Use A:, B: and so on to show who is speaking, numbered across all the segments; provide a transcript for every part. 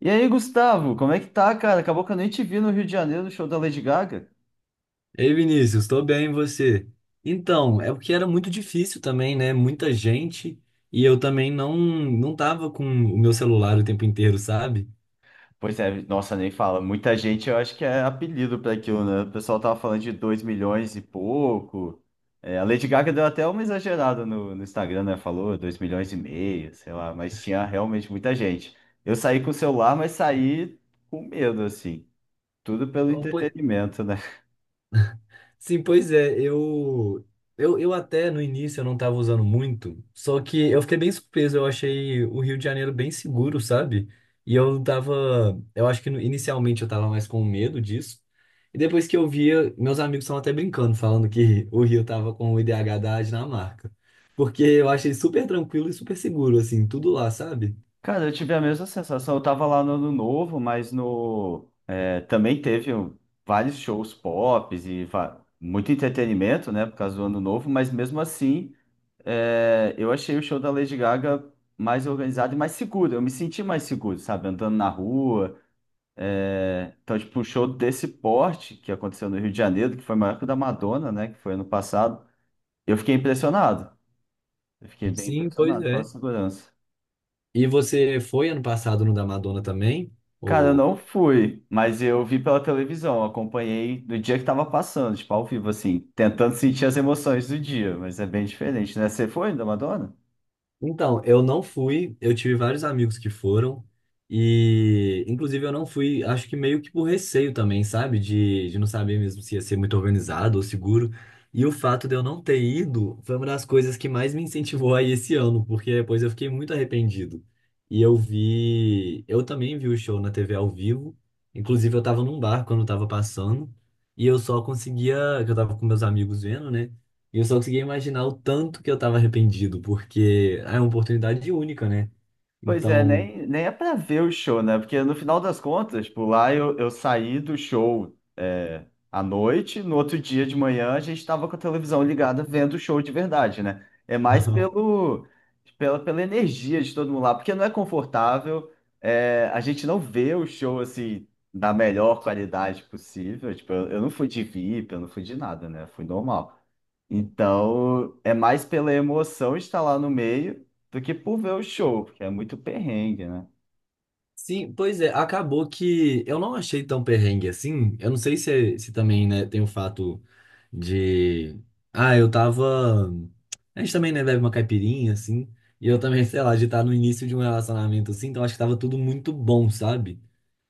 A: E aí, Gustavo, como é que tá, cara? Acabou que eu nem te vi no Rio de Janeiro no show da Lady Gaga.
B: Ei, Vinícius, estou bem, e você? Então, é porque era muito difícil também, né? Muita gente e eu também não tava com o meu celular o tempo inteiro, sabe?
A: Pois é, nossa, nem fala. Muita gente, eu acho que é apelido para aquilo, né? O pessoal tava falando de 2 milhões e pouco. É, a Lady Gaga deu até uma exagerada no Instagram, né? Falou 2,5 milhões, sei lá, mas tinha realmente muita gente. Eu saí com o celular, mas saí com medo, assim. Tudo pelo
B: Então, po-
A: entretenimento, né?
B: Sim, pois é, eu até no início eu não tava usando muito, só que eu fiquei bem surpreso, eu achei o Rio de Janeiro bem seguro, sabe? E eu tava, eu acho que inicialmente eu tava mais com medo disso, e depois que eu via, meus amigos estavam até brincando, falando que o Rio tava com o IDH da Dinamarca, porque eu achei super tranquilo e super seguro, assim, tudo lá, sabe?
A: Cara, eu tive a mesma sensação. Eu tava lá no Ano Novo, mas no, é, também teve vários shows pop e muito entretenimento, né, por causa do Ano Novo. Mas mesmo assim, eu achei o show da Lady Gaga mais organizado e mais seguro. Eu me senti mais seguro, sabe, andando na rua. Então, tipo, um show desse porte que aconteceu no Rio de Janeiro, que foi maior que o da Madonna, né, que foi ano passado. Eu fiquei impressionado. Eu fiquei bem
B: Sim, pois
A: impressionado com a
B: é.
A: segurança.
B: E você foi ano passado no da Madonna também?
A: Cara, eu
B: Ou...
A: não fui, mas eu vi pela televisão, acompanhei no dia que tava passando, tipo, ao vivo, assim, tentando sentir as emoções do dia, mas é bem diferente, né? Você foi da Madonna?
B: Então, eu não fui, eu tive vários amigos que foram, e inclusive eu não fui, acho que meio que por receio também, sabe? De não saber mesmo se ia ser muito organizado ou seguro. E o fato de eu não ter ido foi uma das coisas que mais me incentivou a ir esse ano, porque depois eu fiquei muito arrependido. E eu vi, eu também vi o show na TV ao vivo, inclusive eu tava num bar quando tava passando, e eu só conseguia, que eu tava com meus amigos vendo, né? E eu só conseguia imaginar o tanto que eu tava arrependido, porque é uma oportunidade única, né?
A: Pois é,
B: Então,
A: nem é pra ver o show, né? Porque no final das contas, por lá eu saí do show à noite, no outro dia de manhã a gente estava com a televisão ligada vendo o show de verdade, né? É mais pelo, pela, pela energia de todo mundo lá, porque não é confortável, a gente não vê o show assim da melhor qualidade possível. Tipo, eu não fui de VIP, eu não fui de nada, né? Fui normal. Então, é mais pela emoção de estar lá no meio do que por ver o show, porque é muito perrengue, né?
B: sim, pois é, acabou que eu não achei tão perrengue assim. Eu não sei se, é, se também, né, tem o fato de. Ah, eu tava. A gente também, né, bebe uma caipirinha, assim. E eu também, sei lá, de estar no início de um relacionamento assim, então acho que tava tudo muito bom, sabe?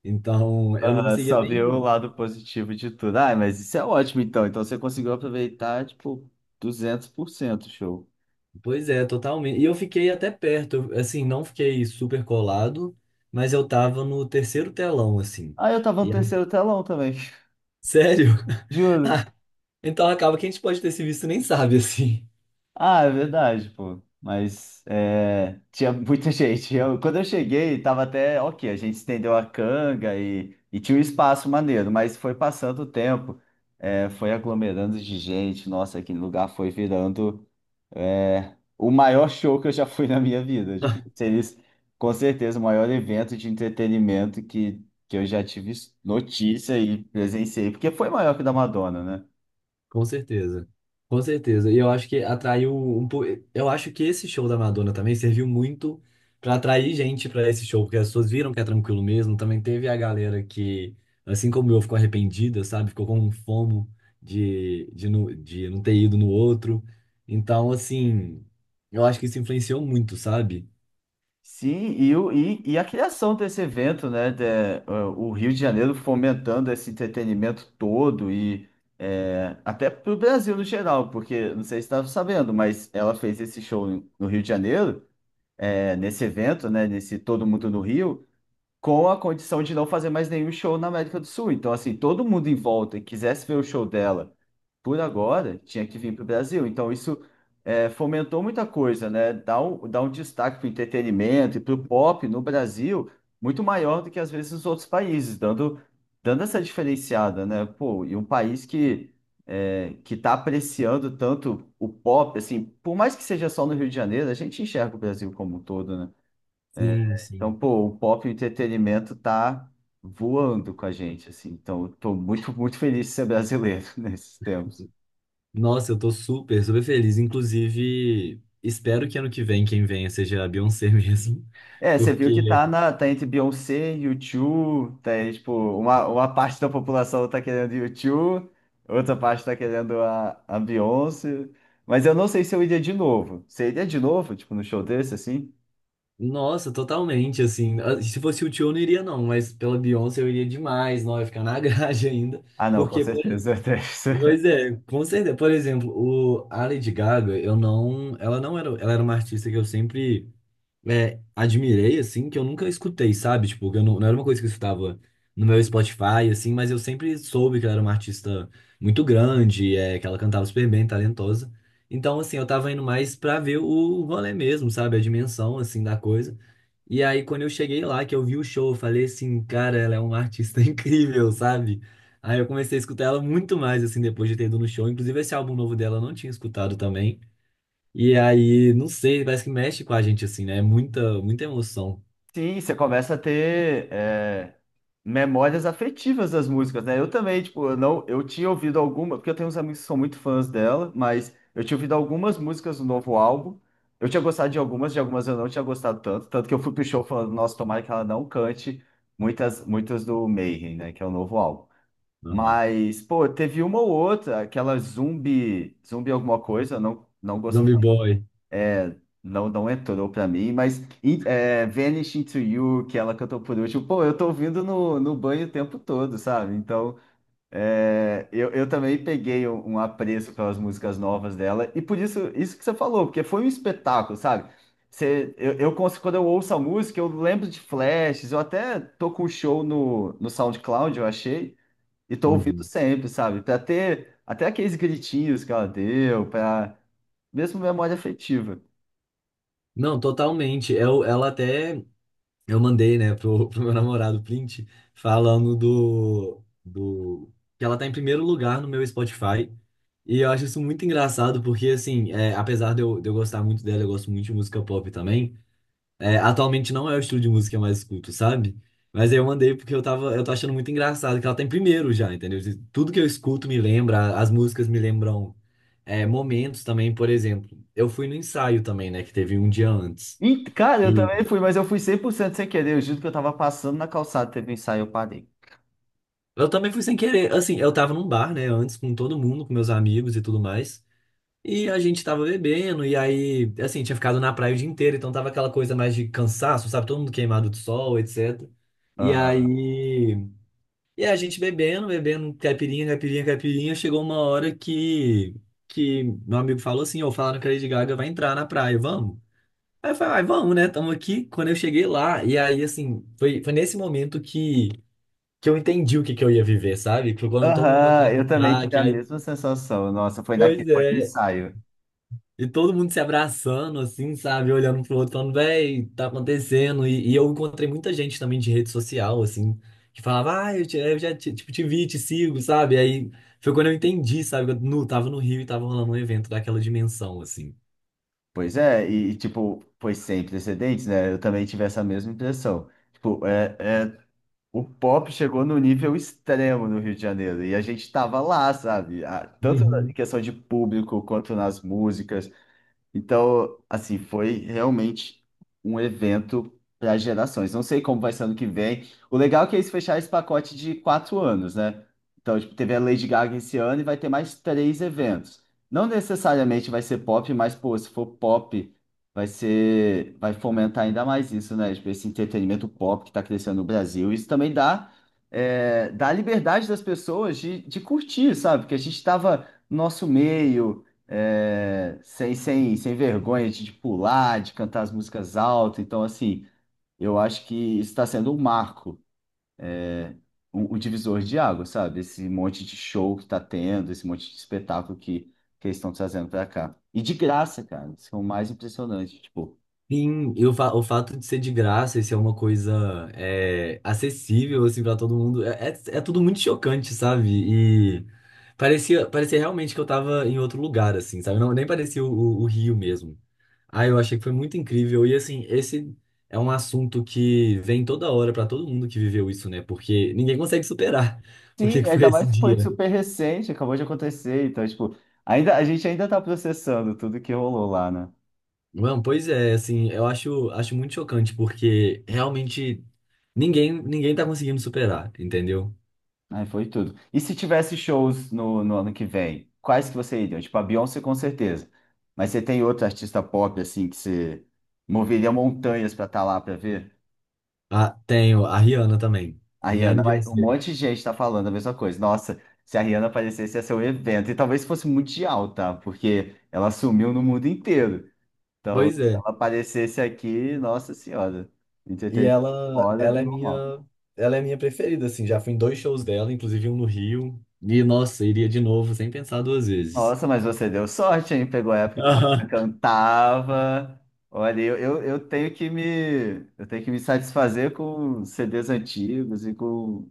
B: Então, eu não
A: Aham,
B: conseguia
A: só ver o
B: nem.
A: lado positivo de tudo. Ah, mas isso é ótimo então. Então você conseguiu aproveitar, tipo, 200% o show.
B: Pois é, totalmente. E eu fiquei até perto, eu, assim, não fiquei super colado, mas eu tava no terceiro telão, assim.
A: Ah, eu tava no
B: E,
A: terceiro telão também,
B: sério?
A: juro.
B: Ah, então acaba que a gente pode ter se visto e nem sabe, assim.
A: Ah, é verdade, pô. Mas é, tinha muita gente. Quando eu cheguei, tava até ok. A gente estendeu a canga e tinha um espaço maneiro, mas foi passando o tempo, foi aglomerando de gente. Nossa, aquele lugar foi virando. É o maior show que eu já fui na minha vida. Tipo, seria com certeza o maior evento de entretenimento que eu já tive notícia e presenciei, porque foi maior que o da Madonna, né?
B: Com certeza. Com certeza. E eu acho que atraiu um pouco. Eu acho que esse show da Madonna também serviu muito pra atrair gente pra esse show, porque as pessoas viram que é tranquilo mesmo. Também teve a galera que, assim como eu, ficou arrependida, sabe? Ficou com um fomo de, de não ter ido no outro. Então, assim, eu acho que isso influenciou muito, sabe?
A: Sim, e a criação desse evento, né? O Rio de Janeiro fomentando esse entretenimento todo e até para o Brasil no geral, porque não sei se estava sabendo, mas ela fez esse show no Rio de Janeiro, nesse evento, né? Nesse Todo Mundo no Rio, com a condição de não fazer mais nenhum show na América do Sul. Então, assim, todo mundo em volta que quisesse ver o show dela por agora tinha que vir para o Brasil. Então, isso fomentou muita coisa, né? Dá um destaque para o entretenimento e para o pop no Brasil muito maior do que às vezes os outros países, dando essa diferenciada, né? Pô, e um país que. Que está apreciando tanto o pop, assim, por mais que seja só no Rio de Janeiro, a gente enxerga o Brasil como um todo, né?
B: Sim,
A: Então,
B: sim.
A: pô, o pop e o entretenimento tá voando com a gente, assim. Então, eu tô muito, muito feliz de ser brasileiro nesses tempos.
B: Nossa, eu tô super, super feliz. Inclusive, espero que ano que vem quem venha seja a Beyoncé mesmo.
A: É, você viu
B: Porque
A: que tá entre Beyoncé, U2, tá, aí, tipo, uma parte da população tá querendo U2, outra parte tá querendo a Beyoncé. Mas eu não sei se eu iria de novo. Você iria de novo, tipo, no show desse, assim?
B: nossa, totalmente, assim. Ah, se fosse o Tio, eu não iria, não, mas pela Beyoncé eu iria demais, não, eu ia ficar na grade ainda.
A: Ah, não, com
B: Porque, por-
A: certeza.
B: pois é, com certeza. Por exemplo, o, a Lady Gaga, eu não. Ela não era. Ela era uma artista que eu sempre admirei, assim, que eu nunca escutei, sabe? Tipo, eu não, não era uma coisa que eu escutava no meu Spotify, assim, mas eu sempre soube que ela era uma artista muito grande, é, que ela cantava super bem, talentosa. Então, assim, eu tava indo mais pra ver o rolê mesmo, sabe? A dimensão, assim, da coisa. E aí, quando eu cheguei lá, que eu vi o show, eu falei assim, cara, ela é uma artista incrível, sabe? Aí eu comecei a escutar ela muito mais, assim, depois de ter ido no show. Inclusive, esse álbum novo dela eu não tinha escutado também. E aí, não sei, parece que mexe com a gente, assim, né? É muita, muita emoção.
A: Sim, você começa a ter memórias afetivas das músicas, né? Eu também, tipo, eu não, eu tinha ouvido alguma, porque eu tenho uns amigos que são muito fãs dela, mas eu tinha ouvido algumas músicas do novo álbum. Eu tinha gostado de algumas eu não tinha gostado tanto, tanto que eu fui pro show falando, nossa, tomara que ela não cante muitas, muitas do Mayhem, né? Que é o novo álbum.
B: Aham.
A: Mas, pô, teve uma ou outra, aquela zumbi, zumbi alguma coisa, eu não
B: Zombie
A: gostei.
B: Boy.
A: Não, não entrou pra mim, mas Vanish Into You, que ela cantou por último, pô, eu tô ouvindo no banho o tempo todo, sabe? Então, eu também peguei um apreço pelas músicas novas dela, e por isso, isso que você falou, porque foi um espetáculo, sabe? Você, eu, cons- Quando eu ouço a música, eu lembro de flashes, eu até tô com o show no SoundCloud, eu achei, e tô ouvindo
B: Uhum.
A: sempre, sabe? Pra ter até aqueles gritinhos que ela deu, pra mesmo memória afetiva.
B: Não, totalmente. Eu, ela até. Eu mandei, né, pro, pro meu namorado o print, falando do, do. Que ela tá em primeiro lugar no meu Spotify. E eu acho isso muito engraçado, porque, assim, é, apesar de eu gostar muito dela, eu gosto muito de música pop também. É, atualmente não é o estilo de música que eu mais escuto, sabe? Mas aí eu mandei porque eu tava, eu tô achando muito engraçado que ela tá em primeiro já, entendeu? Tudo que eu escuto me lembra, as músicas me lembram momentos também, por exemplo. Eu fui no ensaio também, né, que teve um dia antes.
A: Ih, cara, eu também
B: E
A: fui, mas eu fui 100% sem querer. Eu juro que eu tava passando na calçada, teve um ensaio, eu parei.
B: eu também fui sem querer, assim, eu tava num bar, né, antes com todo mundo, com meus amigos e tudo mais. E a gente tava bebendo, e aí, assim, tinha ficado na praia o dia inteiro, então tava aquela coisa mais de cansaço, sabe? Todo mundo queimado de sol, etc. E
A: Aham.
B: aí e a gente bebendo, bebendo caipirinha, caipirinha, caipirinha, chegou uma hora que meu amigo falou assim, ó, falaram que a Lady Gaga vai entrar na praia, vamos? Aí eu falei, ai, vamos, né? Tamo aqui. Quando eu cheguei lá, e aí, assim, foi, foi nesse momento que eu entendi o que, que eu ia viver, sabe? Que foi quando todo mundo começou
A: Aham,
B: a
A: eu também
B: gritar,
A: tive
B: que
A: a
B: aí,
A: mesma sensação. Nossa, foi
B: pois
A: naquele, foi no
B: é,
A: ensaio.
B: e todo mundo se abraçando, assim, sabe? Olhando um pro outro, falando, véi, tá acontecendo. E eu encontrei muita gente também de rede social, assim, que falava, ah, eu, eu já te, tipo, te vi, te sigo, sabe? Aí foi quando eu entendi, sabe? Que eu tava no Rio e tava rolando um evento daquela dimensão, assim.
A: Pois é, e, tipo, foi sem precedentes, né? Eu também tive essa mesma impressão. Tipo, o pop chegou no nível extremo no Rio de Janeiro, e a gente tava lá, sabe? Ah, tanto na questão de público quanto nas músicas. Então, assim, foi realmente um evento para gerações. Não sei como vai ser ano que vem. O legal é que eles fecharam esse pacote de 4 anos, né? Então, tipo, teve a Lady Gaga esse ano e vai ter mais três eventos. Não necessariamente vai ser pop, mas, pô, se for pop, vai ser, vai fomentar ainda mais isso, né? Tipo, esse entretenimento pop que está crescendo no Brasil. Isso também dá liberdade das pessoas de curtir, sabe? Porque a gente estava no nosso meio sem vergonha de pular, de cantar as músicas alto. Então, assim, eu acho que isso está sendo um marco, um divisor de água, sabe? Esse monte de show que está tendo, esse monte de espetáculo que eles estão trazendo para cá. E de graça, cara, isso é o mais impressionante, tipo.
B: Sim, e o, o fato de ser de graça e ser uma coisa é, acessível assim para todo mundo é, é, é tudo muito chocante, sabe? E parecia realmente que eu tava em outro lugar assim, sabe? Não, nem parecia o, o Rio mesmo. Ah, eu achei que foi muito incrível e assim, esse é um assunto que vem toda hora para todo mundo que viveu isso, né? Porque ninguém consegue superar o que
A: Sim,
B: que foi
A: ainda
B: esse
A: mais que foi
B: dia.
A: super recente, acabou de acontecer, então, tipo, ainda, a gente ainda tá processando tudo que rolou lá, né?
B: Mano, pois é, assim, eu acho, acho muito chocante, porque realmente ninguém, ninguém tá conseguindo superar, entendeu?
A: Aí foi tudo. E se tivesse shows no ano que vem, quais que você iria? Tipo, a Beyoncé com certeza. Mas você tem outro artista pop, assim, que você moveria montanhas pra estar lá pra ver?
B: Ah, tenho a Rihanna também.
A: A
B: Rihanna
A: Rihanna,
B: e
A: mas um
B: Beyoncé.
A: monte de gente tá falando a mesma coisa. Nossa, se a Rihanna aparecesse, ia ser um evento. E talvez fosse mundial, tá? Porque ela sumiu no mundo inteiro. Então,
B: Pois
A: se
B: é.
A: ela aparecesse aqui, nossa senhora,
B: E
A: entretenimento
B: ela,
A: fora do normal.
B: ela é minha preferida, assim, já fui em dois shows dela, inclusive um no Rio. E, nossa, iria de novo sem pensar duas vezes.
A: Nossa, mas você deu sorte, hein? Pegou a época que ela
B: Aham.
A: cantava. Olha, eu tenho que me satisfazer com CDs antigos e com,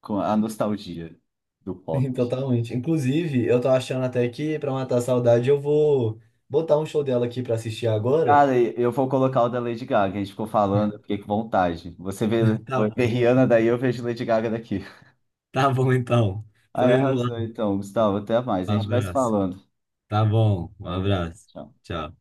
A: com a nostalgia do pop.
B: Sim, totalmente. Inclusive, eu tô achando até que, pra matar a saudade, eu vou botar um show dela aqui pra assistir agora.
A: Cara, e eu vou colocar o da Lady Gaga. A gente ficou falando, eu fiquei com vontade. Você vê,
B: Tá
A: vê
B: bom.
A: Rihanna daí, eu vejo Lady Gaga daqui.
B: Tá bom, então. Tô
A: Aí
B: indo lá.
A: arrasou, então, Gustavo. Até mais.
B: Um
A: A gente vai se
B: abraço.
A: falando.
B: Tá bom, um
A: Falou,
B: abraço.
A: tchau.
B: Tchau.